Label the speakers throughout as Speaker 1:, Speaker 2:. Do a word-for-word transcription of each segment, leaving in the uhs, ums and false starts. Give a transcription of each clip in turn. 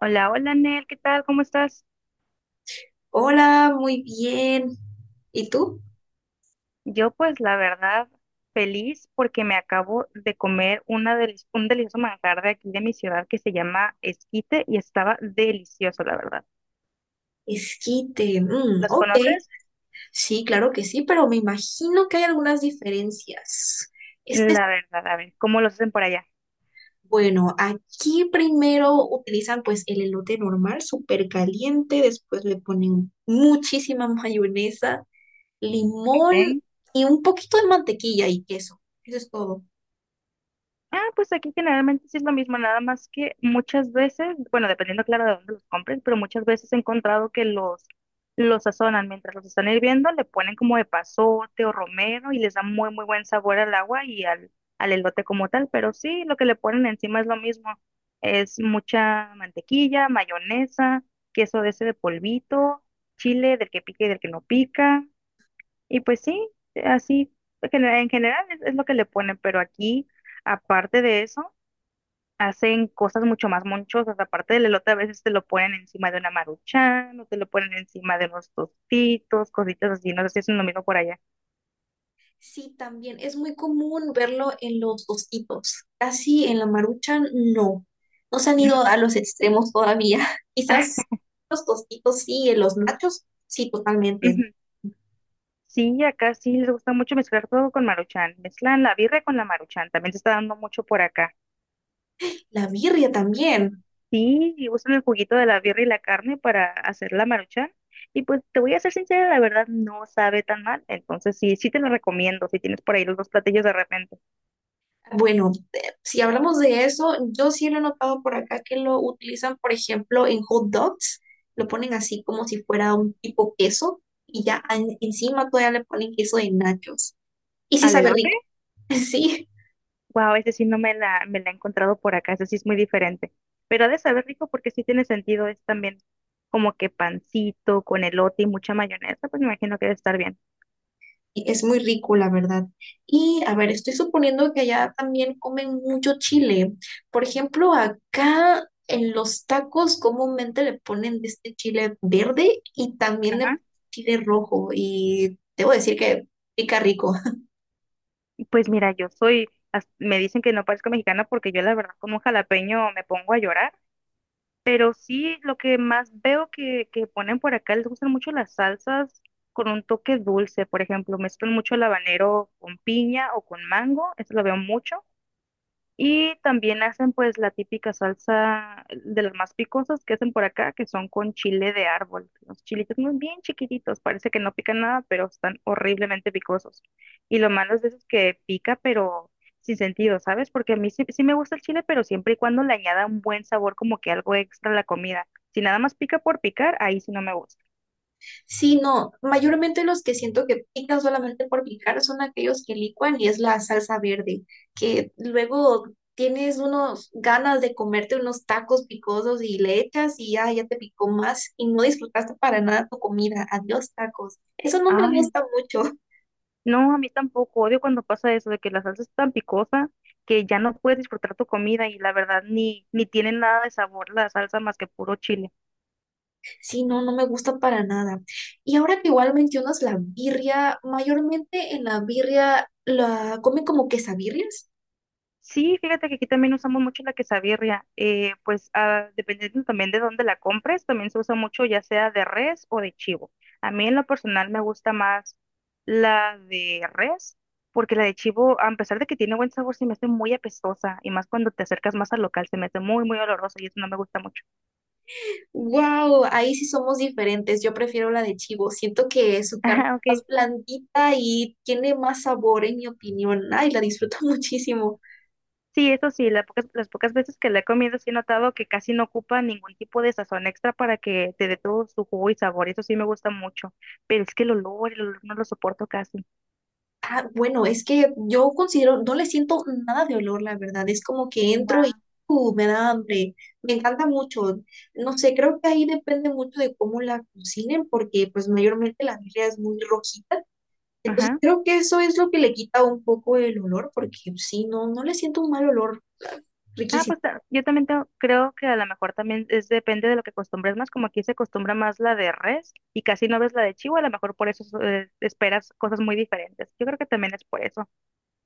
Speaker 1: Hola, hola Nel, ¿qué tal? ¿Cómo estás?
Speaker 2: Hola, muy bien. ¿Y tú?
Speaker 1: Yo pues la verdad feliz porque me acabo de comer una deli- un delicioso manjar de aquí de mi ciudad que se llama esquite y estaba delicioso, la verdad.
Speaker 2: Esquite. Mm,
Speaker 1: ¿Los
Speaker 2: ok,
Speaker 1: conoces?
Speaker 2: sí, claro que sí, pero me imagino que hay algunas diferencias. Este es,
Speaker 1: La verdad, a ver, ¿cómo los hacen por allá?
Speaker 2: bueno, aquí primero utilizan pues el elote normal, súper caliente, después le ponen muchísima mayonesa, limón
Speaker 1: ¿Ok?
Speaker 2: y un poquito de mantequilla y queso. Eso es todo.
Speaker 1: Ah, pues aquí generalmente sí es lo mismo, nada más que muchas veces, bueno, dependiendo claro de dónde los compren, pero muchas veces he encontrado que los, los sazonan mientras los están hirviendo, le ponen como de pasote o romero y les da muy, muy buen sabor al agua y al, al elote como tal, pero sí, lo que le ponen encima es lo mismo, es mucha mantequilla, mayonesa, queso de ese de polvito, chile del que pica y del que no pica, y pues sí, así genera- en general es, es lo que le ponen, pero aquí, aparte de eso, hacen cosas mucho más monchosas. Aparte del elote, a veces te lo ponen encima de una maruchan o te lo ponen encima de unos tostitos, cositas así. No sé si hacen lo mismo por allá.
Speaker 2: Sí, también es muy común verlo en los osquitos, casi en la marucha no. No se han
Speaker 1: ¿No?
Speaker 2: ido a los extremos todavía. Quizás los tostitos sí, en los nachos sí, totalmente.
Speaker 1: Ujú. Sí, acá sí les gusta mucho mezclar todo con maruchan. Mezclan la birria con la maruchan. También se está dando mucho por acá.
Speaker 2: La birria también.
Speaker 1: Sí, y usan el juguito de la birra y la carne para hacer la maruchan. Y pues te voy a ser sincera, la verdad no sabe tan mal. Entonces sí, sí te lo recomiendo si tienes por ahí los dos platillos de repente.
Speaker 2: Bueno, eh, si hablamos de eso, yo sí lo he notado por acá que lo utilizan, por ejemplo, en hot dogs. Lo ponen así como si fuera un tipo queso y ya en- encima todavía le ponen queso de nachos. Y sí
Speaker 1: Al
Speaker 2: sabe
Speaker 1: elote,
Speaker 2: rico, sí.
Speaker 1: wow, ese sí no me la, me la he encontrado por acá, ese sí es muy diferente. Pero ha de saber rico porque sí tiene sentido, es también como que pancito con elote y mucha mayonesa, pues me imagino que debe estar bien.
Speaker 2: Y Es muy rico, la verdad. Y a ver, estoy suponiendo que allá también comen mucho chile. Por ejemplo, acá en los tacos comúnmente le ponen de este chile verde y también de
Speaker 1: Ajá.
Speaker 2: chile rojo. Y debo decir que pica rico.
Speaker 1: Pues mira, yo soy, as- me dicen que no parezco mexicana porque yo la verdad con un jalapeño me pongo a llorar. Pero sí, lo que más veo que, que ponen por acá, les gustan mucho las salsas con un toque dulce, por ejemplo, mezclan mucho el habanero con piña o con mango, eso lo veo mucho, y también hacen pues la típica salsa de las más picosas que hacen por acá, que son con chile de árbol. Los chilitos muy bien chiquititos, parece que no pican nada, pero están horriblemente picosos. Y lo malo es de eso es que pica, pero sin sentido, ¿sabes? Porque a mí sí, sí me gusta el chile, pero siempre y cuando le añada un buen sabor, como que algo extra a la comida. Si nada más pica por picar, ahí sí no me gusta.
Speaker 2: Sí, no, mayormente los que siento que pican solamente por picar son aquellos que licuan y es la salsa verde, que luego tienes unos ganas de comerte unos tacos picosos y le echas y ya, ya te picó más y no disfrutaste para nada tu comida. Adiós, tacos. Eso no me
Speaker 1: Ay,
Speaker 2: gusta mucho.
Speaker 1: no, a mí tampoco. Odio cuando pasa eso, de que la salsa es tan picosa que ya no puedes disfrutar tu comida y la verdad ni, ni tiene nada de sabor la salsa más que puro chile.
Speaker 2: Sí, no, no me gusta para nada. Y ahora que igual mencionas la birria, mayormente en la birria la comen como quesabirrias.
Speaker 1: Sí, fíjate que aquí también usamos mucho la quesabirria. eh, pues ah, dependiendo también de dónde la compres, también se usa mucho ya sea de res o de chivo. A mí en lo personal me gusta más la de res, porque la de chivo, a pesar de que tiene buen sabor, se me hace muy apestosa y más cuando te acercas más al local, se me hace muy, muy oloroso y eso no me gusta mucho.
Speaker 2: Wow, ahí sí somos diferentes. Yo prefiero la de chivo. Siento que su carne
Speaker 1: Ajá,
Speaker 2: es más
Speaker 1: ok.
Speaker 2: blandita y tiene más sabor, en mi opinión. Ay, la disfruto muchísimo.
Speaker 1: Sí, eso sí, la pocas- las pocas veces que la he comido sí he notado que casi no ocupa ningún tipo de sazón extra para que te dé todo su jugo y sabor, eso sí me gusta mucho, pero es que el olor, el olor no lo soporto casi.
Speaker 2: Ah, bueno, es que yo considero, no le siento nada de olor, la verdad. Es como que entro
Speaker 1: Guau.
Speaker 2: y uh, me da hambre. Me encanta mucho. No sé, creo que ahí depende mucho de cómo la cocinen, porque pues mayormente la birria es muy rojita. Entonces
Speaker 1: Ajá.
Speaker 2: creo que eso es lo que le quita un poco el olor, porque pues, sí, no, no le siento un mal olor.
Speaker 1: Ah,
Speaker 2: Riquísimo.
Speaker 1: pues ta- yo también tengo- creo que a lo mejor también es depende de lo que acostumbres más, como aquí se acostumbra más la de res y casi no ves la de chivo, a lo mejor por eso eh, esperas cosas muy diferentes. Yo creo que también es por eso.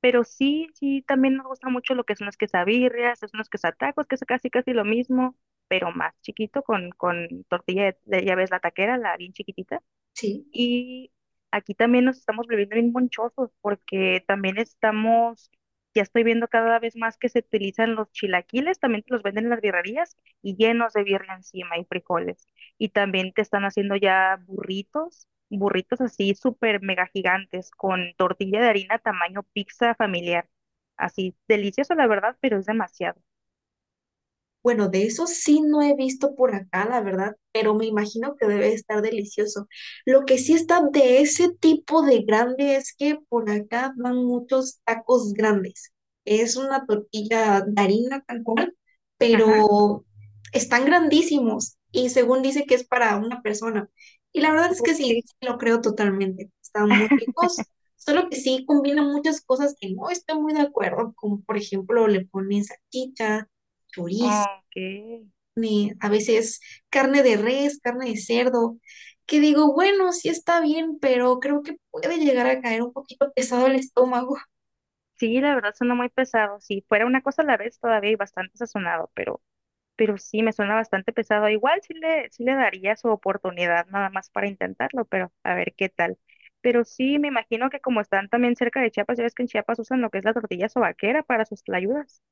Speaker 1: Pero sí, sí, también nos gusta mucho lo que son las quesabirrias, los unos quesatacos, que es casi casi lo mismo, pero más chiquito con, con tortilla de, de- ya ves, la taquera, la bien chiquitita.
Speaker 2: Sí.
Speaker 1: Y aquí también nos estamos volviendo bien monchosos porque también estamos, ya estoy viendo cada vez más que se utilizan los chilaquiles, también te los venden en las birrerías y llenos de birria encima y frijoles. Y también te están haciendo ya burritos, burritos así súper mega gigantes con tortilla de harina tamaño pizza familiar. Así, delicioso la verdad, pero es demasiado.
Speaker 2: Bueno, de eso sí no he visto por acá, la verdad, pero me imagino que debe estar delicioso. Lo que sí está de ese tipo de grande es que por acá van muchos tacos grandes. Es una tortilla de harina tal cual,
Speaker 1: Ajá.
Speaker 2: pero están grandísimos y según dice que es para una persona. Y la verdad es que
Speaker 1: Ok.
Speaker 2: sí, sí lo creo totalmente. Están muy ricos, solo que sí combinan muchas cosas que no estoy muy de acuerdo, como por ejemplo le ponen salchicha, chorizo,
Speaker 1: Ok.
Speaker 2: ni a veces carne de res, carne de cerdo, que digo, bueno, sí está bien, pero creo que puede llegar a caer un poquito pesado el estómago.
Speaker 1: Sí, la verdad suena muy pesado. Si fuera una cosa a la vez, todavía hay bastante sazonado, pero pero sí me suena bastante pesado. Igual sí le, sí le daría su oportunidad nada más para intentarlo, pero a ver qué tal. Pero sí, me imagino que como están también cerca de Chiapas, ya ves que en Chiapas usan lo que es la tortilla sobaquera para sus tlayudas.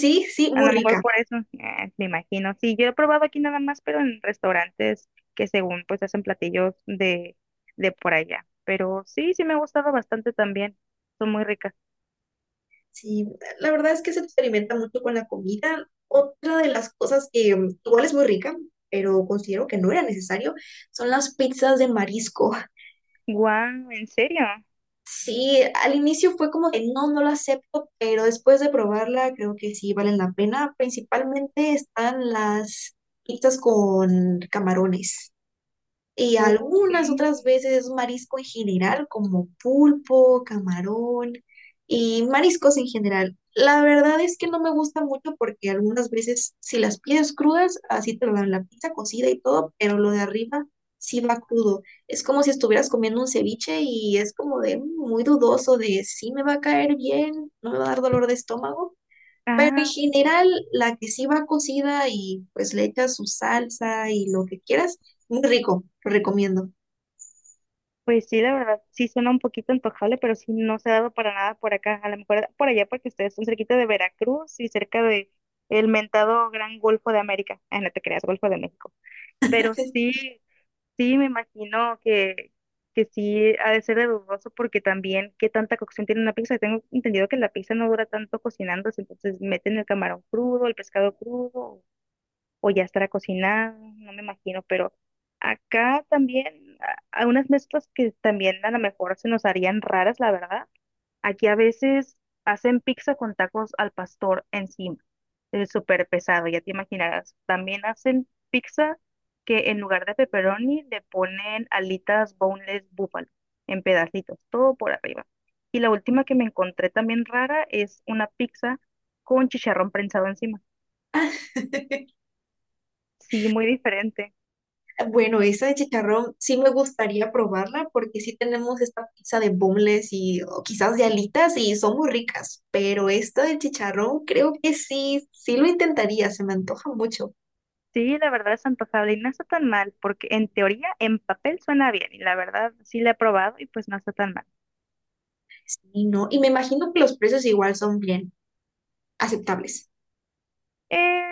Speaker 2: Sí, sí,
Speaker 1: A
Speaker 2: muy
Speaker 1: lo mejor
Speaker 2: rica.
Speaker 1: por eso, eh, me imagino. Sí, yo he probado aquí nada más, pero en restaurantes que según pues hacen platillos de, de por allá. Pero sí, sí me ha gustado bastante también. Son muy ricas.
Speaker 2: Sí, la verdad es que se experimenta mucho con la comida. Otra de las cosas que mm, igual es muy rica, pero considero que no era necesario, son las pizzas de marisco.
Speaker 1: Guau, ¿en serio?
Speaker 2: Sí, al inicio fue como que no, no lo acepto, pero después de probarla creo que sí valen la pena. Principalmente están las pizzas con camarones. Y
Speaker 1: Ok.
Speaker 2: algunas otras veces es marisco en general, como pulpo, camarón y mariscos en general. La verdad es que no me gusta mucho porque algunas veces si las pides crudas, así te lo dan la pizza cocida y todo, pero lo de arriba sí va crudo. Es como si estuvieras comiendo un ceviche y es como de "Mm, muy dudoso de si me va a caer bien, no me va a dar dolor de estómago". Pero en
Speaker 1: Ah, ok.
Speaker 2: general, la que sí va cocida y pues le echas su salsa y lo que quieras, muy rico, lo recomiendo.
Speaker 1: Pues sí, la verdad, sí suena un poquito antojable, pero sí no se ha dado para nada por acá. A lo mejor por allá porque ustedes son cerquita de Veracruz y cerca de el mentado Gran Golfo de América. Ah, no te creas, Golfo de México. Pero sí, sí me imagino que, que sí ha de ser de dudoso porque también qué tanta cocción tiene una pizza. Tengo entendido que la pizza no dura tanto cocinándose, entonces meten el camarón crudo, el pescado crudo o ya estará cocinado, no me imagino, pero acá también a- hay unas mezclas que también a lo mejor se nos harían raras, la verdad. Aquí a veces hacen pizza con tacos al pastor encima, es súper pesado, ya te imaginarás. También hacen pizza que en lugar de pepperoni le ponen alitas boneless búfalo en pedacitos, todo por arriba. Y la última que me encontré también rara es una pizza con chicharrón prensado encima.
Speaker 2: Ah,
Speaker 1: Sí, muy diferente.
Speaker 2: bueno, esa de chicharrón sí me gustaría probarla porque sí tenemos esta pizza de boneless y o quizás de alitas y son muy ricas, pero esta de chicharrón creo que sí, sí lo intentaría, se me antoja mucho.
Speaker 1: Sí, la verdad es antojable y no está tan mal, porque en teoría, en papel suena bien, y la verdad sí la he probado y pues no está tan mal.
Speaker 2: Y no, y me imagino que los precios igual son bien aceptables.
Speaker 1: Eh,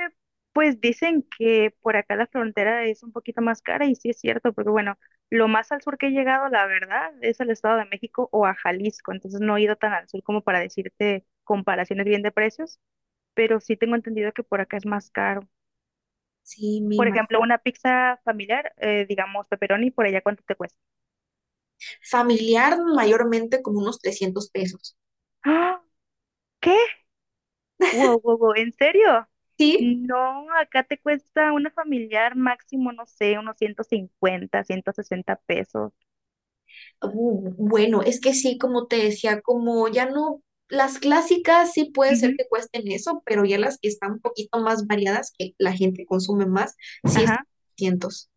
Speaker 1: pues dicen que por acá la frontera es un poquito más cara y sí es cierto, porque bueno, lo más al sur que he llegado, la verdad, es al Estado de México o a Jalisco, entonces no he ido tan al sur como para decirte comparaciones bien de precios, pero sí tengo entendido que por acá es más caro.
Speaker 2: Sí, me
Speaker 1: Por
Speaker 2: imagino.
Speaker 1: ejemplo, una pizza familiar, eh, digamos pepperoni, por allá ¿cuánto te cuesta?
Speaker 2: Familiar mayormente como unos trescientos pesos.
Speaker 1: ¡Ah! ¿Qué? Wow, wow, wow, ¿en serio?
Speaker 2: Sí.
Speaker 1: No, acá te cuesta una familiar máximo, no sé, unos ciento cincuenta, ciento sesenta pesos.
Speaker 2: Bu- Bueno, es que sí, como te decía, como ya no, las clásicas sí puede ser
Speaker 1: Ujú,
Speaker 2: que cuesten eso, pero ya las que están un poquito más variadas, que la gente consume más, sí están
Speaker 1: ajá.
Speaker 2: cientos.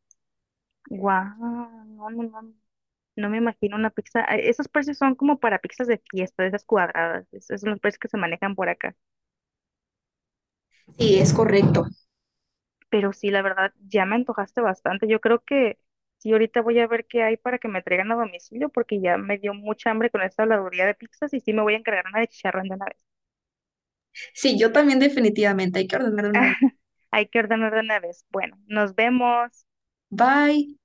Speaker 1: Guau, no, no, no. No me imagino una pizza. ah, Esos precios son como para pizzas de fiesta, de esas cuadradas. Esos son los precios que se manejan por acá.
Speaker 2: Sí, es correcto.
Speaker 1: Pero sí, la verdad, ya me antojaste bastante. Yo creo que sí, ahorita voy a ver qué hay para que me traigan a domicilio, porque ya me dio mucha hambre con esta habladuría de pizzas y sí me voy a encargar una de chicharrón de una vez.
Speaker 2: Sí, yo también definitivamente hay que ordenar una vez.
Speaker 1: Hay que ordenar de una vez. Bueno, nos vemos.
Speaker 2: Bye.